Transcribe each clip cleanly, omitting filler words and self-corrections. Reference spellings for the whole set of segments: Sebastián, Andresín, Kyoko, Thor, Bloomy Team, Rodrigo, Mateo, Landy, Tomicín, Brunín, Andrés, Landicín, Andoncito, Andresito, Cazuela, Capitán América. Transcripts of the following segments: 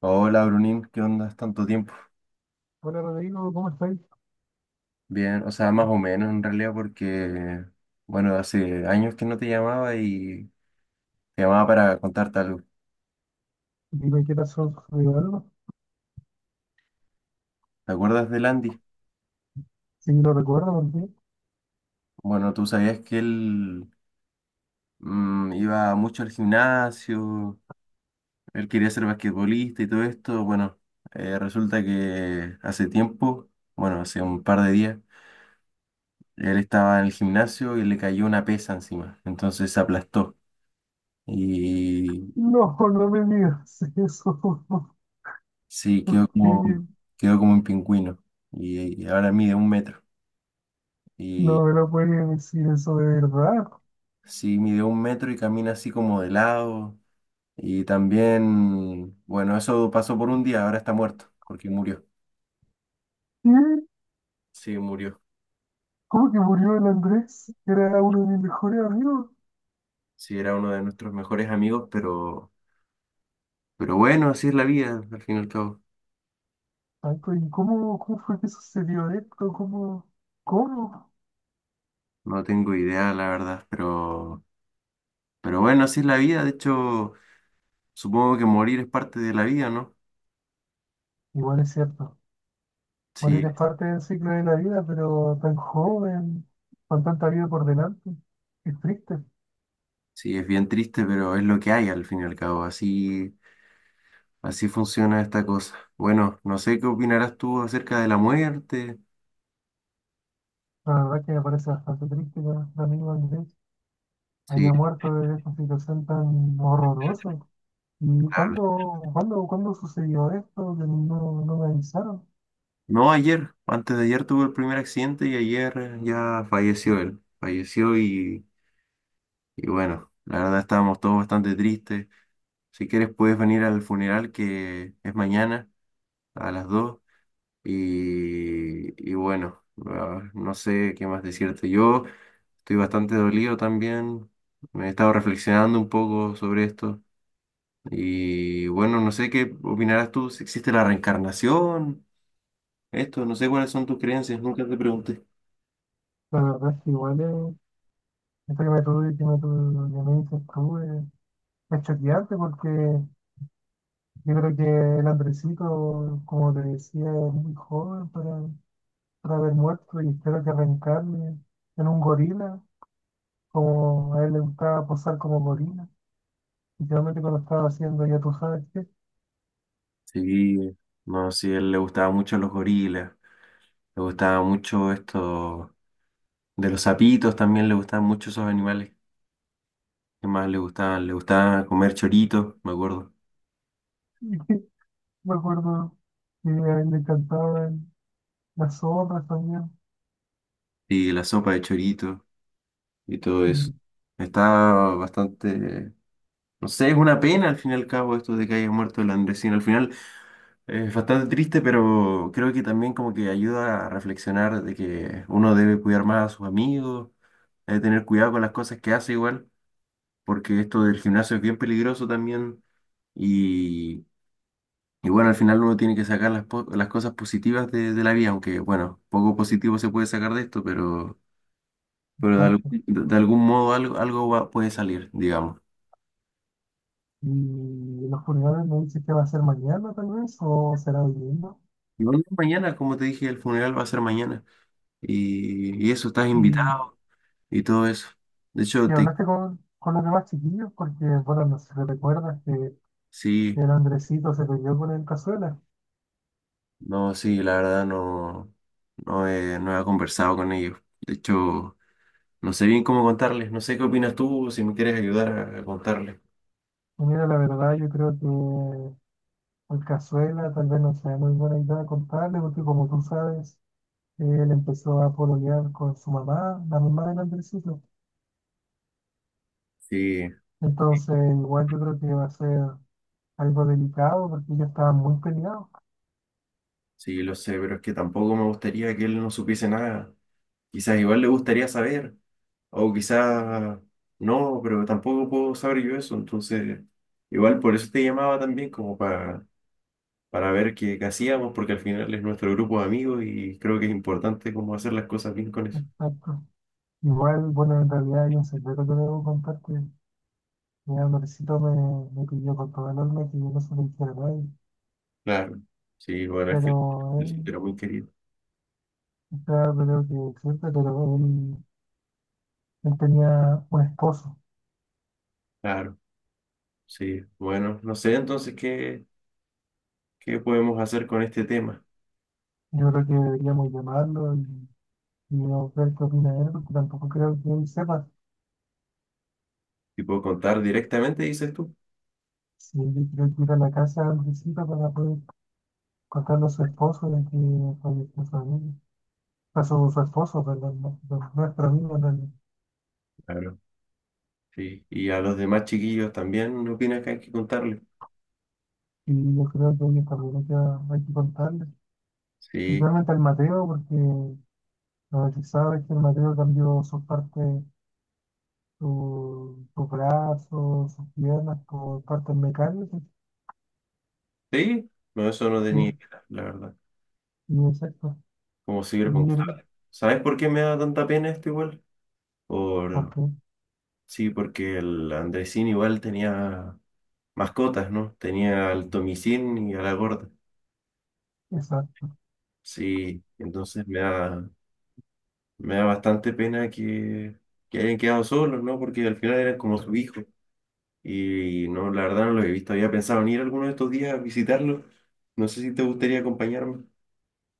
Hola Brunín, ¿qué onda? ¿Es ¿Tanto tiempo? Hola Rodrigo, ¿cómo estás? Bien, o sea, más o menos en realidad porque, bueno, hace años que no te llamaba y te llamaba para contarte algo. Dime qué pasó, ¿sucedió algo? ¿Te acuerdas de Landy? Si no recuerdo por. Bueno, tú sabías que él iba mucho al gimnasio, él quería ser basquetbolista y todo esto. Bueno, resulta que hace tiempo, bueno, hace un par de días, él estaba en el gimnasio y le cayó una pesa encima, entonces se aplastó. No, no me digas eso. Sí, Sí. Quedó como un pingüino. Y ahora mide un metro. Y No me lo puedes decir eso de verdad. sí, mide un metro y camina así como de lado. Y también, bueno, eso pasó por un día, ahora está muerto, porque murió. ¿Qué? Sí, murió. ¿Cómo que murió el Andrés? Era uno de mis mejores amigos. Sí, era uno de nuestros mejores amigos, pero bueno, así es la vida, al fin y al cabo. Ay, ¿y cómo fue que sucedió esto? ¿Cómo? ¿Cómo? No tengo idea, la verdad, pero bueno, así es la vida. De hecho, supongo que morir es parte de la vida, ¿no? Igual es cierto. Morir Sí, es parte del ciclo de la vida, pero tan joven, con tanta vida por delante. Es triste. sí, es bien triste, pero es lo que hay, al fin y al cabo. Así. Así funciona esta cosa. Bueno, no sé qué opinarás tú acerca de la muerte. La verdad que me parece bastante triste, la amigo Andrés. Sí, Haya muerto de esta situación tan horrorosa. ¿Y claro. cuándo sucedió esto? Que no, no me avisaron. No, ayer, antes de ayer tuve el primer accidente y ayer ya falleció él. Falleció y bueno, la verdad estábamos todos bastante tristes. Si quieres puedes venir al funeral que es mañana a las 2 y bueno, ah, no sé qué más decirte. Yo estoy bastante dolido también. Me he estado reflexionando un poco sobre esto. Y bueno, no sé qué opinarás tú, si existe la reencarnación, esto, no sé cuáles son tus creencias, nunca te pregunté. La verdad es que igual esto que me tuve, que me tuve, que me dices tú, es choqueante porque yo creo que el Andresito, como te decía, es muy joven para haber muerto y espero que reencarne en un gorila, como a él le gustaba posar como gorila, literalmente cuando estaba haciendo ya tú sabes qué. Sí, no, sí, a él le gustaba mucho los gorilas, le gustaba mucho esto de los sapitos, también le gustaban mucho esos animales. ¿Qué más le gustaban? Le gustaba comer choritos, me acuerdo, Me acuerdo que a él le cantaban las zorras también. y la sopa de chorito y todo eso. Y, Estaba bastante No sé, es una pena al fin y al cabo esto de que haya muerto el Andresín. Al final es bastante triste, pero creo que también como que ayuda a reflexionar de que uno debe cuidar más a sus amigos, debe tener cuidado con las cosas que hace igual, porque esto del gimnasio es bien peligroso también. Y, y bueno, al final uno tiene que sacar las cosas positivas de la vida, aunque bueno, poco positivo se puede sacar de esto, pero de, al- tanto. de- de algún modo algo puede salir, digamos. Y los funerales me dice que va a ser mañana tal vez, o será hoy. Y bueno, mañana, como te dije, el funeral va a ser mañana. Y eso, estás Y, invitado y todo eso. De hecho, y hablaste con, los demás chiquillos, porque bueno, no sé si recuerdas que sí, el Andresito se peleó con el Cazuela. no, sí, la verdad no, no he conversado con ellos. De hecho, no sé bien cómo contarles. No sé qué opinas tú, si me quieres ayudar a contarles. Y mira, la verdad yo creo que el Cazuela tal vez no sea muy buena idea contarle, porque como tú sabes, él empezó a pololear con su mamá, la mamá del Andresito. Sí, Entonces, igual yo creo que va a ser algo delicado porque ellos estaban muy peleados. sí, lo sé, pero es que tampoco me gustaría que él no supiese nada. Quizás igual le gustaría saber, o quizás no, pero tampoco puedo saber yo eso. Entonces, igual por eso te llamaba también, como para ver qué hacíamos, porque al final es nuestro grupo de amigos y creo que es importante como hacer las cosas bien con eso. Exacto. Igual, bueno, en realidad hay un secreto que debo contar que mi amorcito me pidió con todo el alma que yo no se lo dijera a nadie. Claro, sí, bueno, es que Pero el él, sitio era muy querido. está creo que siempre, pero él tenía un esposo. Claro, sí, bueno, no sé entonces qué podemos hacer con este tema. Yo creo que deberíamos llamarlo y no ver qué opina él, porque tampoco creo que él sepa. Tipo, contar directamente, dices tú. Si él creo que ir a la casa de Andresito para poder contarle a su esposo de que falleció su amigo. A su esposo, pues, de nuestro amigo, del. Claro, sí. Y a los demás chiquillos también, ¿no opinas que hay que contarle? Y yo creo que ella también hay que contarle, Sí, principalmente al Mateo, porque lo que sabe es que el Mateo cambió su parte, su brazo, sus piernas por partes mecánicas, sí, no, eso no tenía sí, idea, la verdad. y exacto, ¿Cómo sirve y él, contarle? ¿Sabes por qué me da tanta pena esto igual? ¿por Por, qué? Sí, porque el Andresín igual tenía mascotas, ¿no? Tenía al Tomicín y a la gorda. Exacto, Sí, entonces me da bastante pena que hayan quedado solos, ¿no? Porque al final eran como su hijo. Y no, la verdad no los he visto. Había pensado en ir alguno de estos días a visitarlos. No sé si te gustaría acompañarme.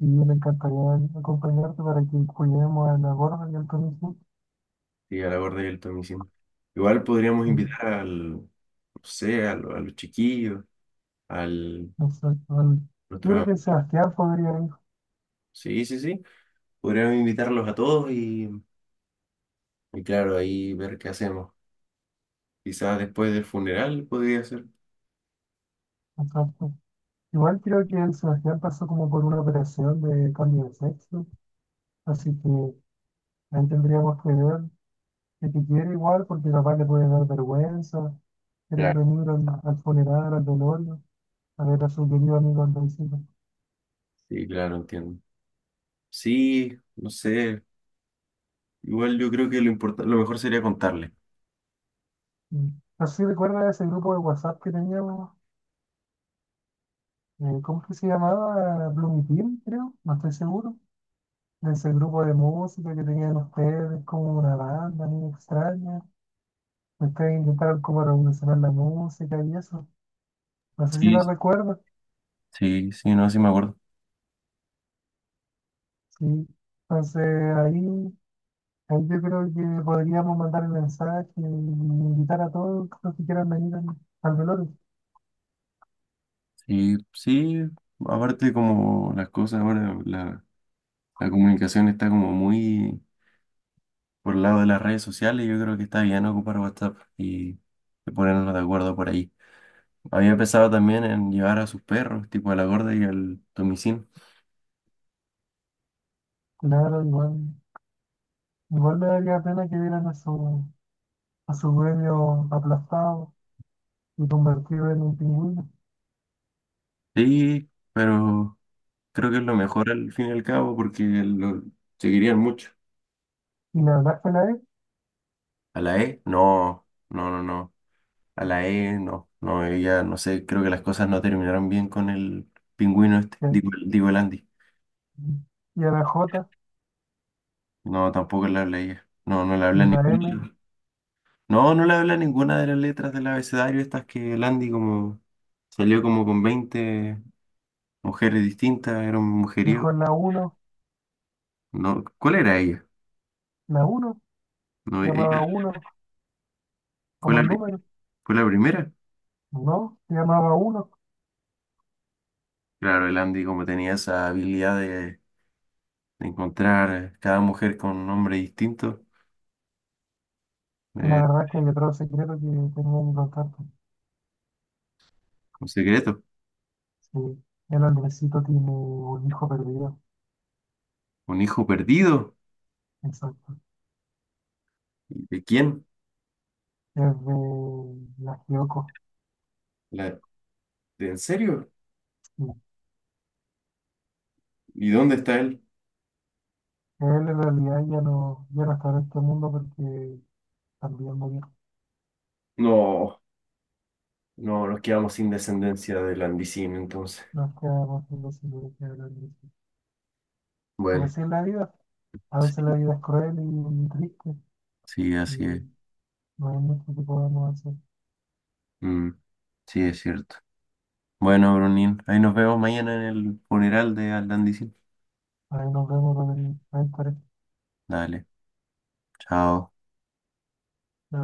y me encantaría acompañarte para que cuidemos a la gorda y al Tonisú, Sí, a la gorda y al Tomicín. Igual podríamos invitar no sé, a los chiquillos, al exacto, yo creo nuestro... que Sebastián podría ir, sí, sí, sí. Podríamos invitarlos a todos. Y claro, ahí ver qué hacemos. Quizás después del funeral podría ser. exacto. Igual creo que el Sebastián pasó como por una operación de cambio de sexo, así que ahí tendríamos que ver qué te quiere igual, porque capaz le puede dar vergüenza, querer Claro. venir al funeral, al velorio, a ver a su querido amigo Andoncito. Sí, claro, entiendo. Sí, no sé. Igual yo creo que lo mejor sería contarle. Mm. Así recuerda ese grupo de WhatsApp que teníamos, ¿cómo es que se llamaba? Bloomy Team, creo, no estoy seguro. Ese grupo de música que tenían ustedes, como una banda, muy extraña. Ustedes intentaron como revolucionar la música y eso. No sé si la Sí, recuerdas. sí, sí, no, sí me acuerdo. Sí. Entonces ahí, ahí yo creo que podríamos mandar el mensaje y invitar a todos los que quieran venir al, al velorio. Sí, sí, aparte como las cosas ahora, la comunicación está como muy por el lado de las redes sociales, yo creo que está bien ocupar WhatsApp y ponernos de acuerdo por ahí. Había pensado también en llevar a sus perros, tipo a la gorda y al Tomicín. Claro, igual me daría pena que vieran a a su dueño aplastado y convertido en un pingüino. Sí, pero... Creo que es lo mejor al fin y al cabo porque lo seguirían mucho. Y la verdad es que la E, A la E, no, no, no, no. A la E, no, no, ella, no sé, creo que las cosas no terminaron bien con el pingüino este, que- digo el Andy. y a la J, No, tampoco le habla ella. No, no le y habla la M, ninguna. No, no le habla ninguna de las letras del abecedario, estas que el Andy como salió como con 20 mujeres distintas, era un mujeriego. mejor la uno, No, ¿cuál era ella? la uno, No, ella llamaba uno fue como la, el pri- número, fue la primera. ¿no? Llamaba uno. Claro, el Andy como tenía esa habilidad de encontrar cada mujer con un nombre distinto, Y la eh, verdad es que hay otro secreto que tenía que contarte. un secreto, Sí, el hombrecito tiene un hijo perdido, un hijo perdido. exacto. ¿De quién? Es de la Kyoko. La- ¿En serio? Sí. ¿Y dónde está él? Él en realidad ya no está en este mundo porque también murió. No, no, nos quedamos sin descendencia de Landicín, entonces. Nos quedamos sin los hijos que eran de ese. Pero Bueno, sí en la vida, a veces sí, la vida es cruel y triste sí, así y es. no hay mucho que podamos hacer. Mm, sí, es cierto. Bueno, Brunín, ahí nos vemos mañana en el funeral de Landicín. Ahí nos vemos, Rodrigo. Ahí estaré. Dale, chao.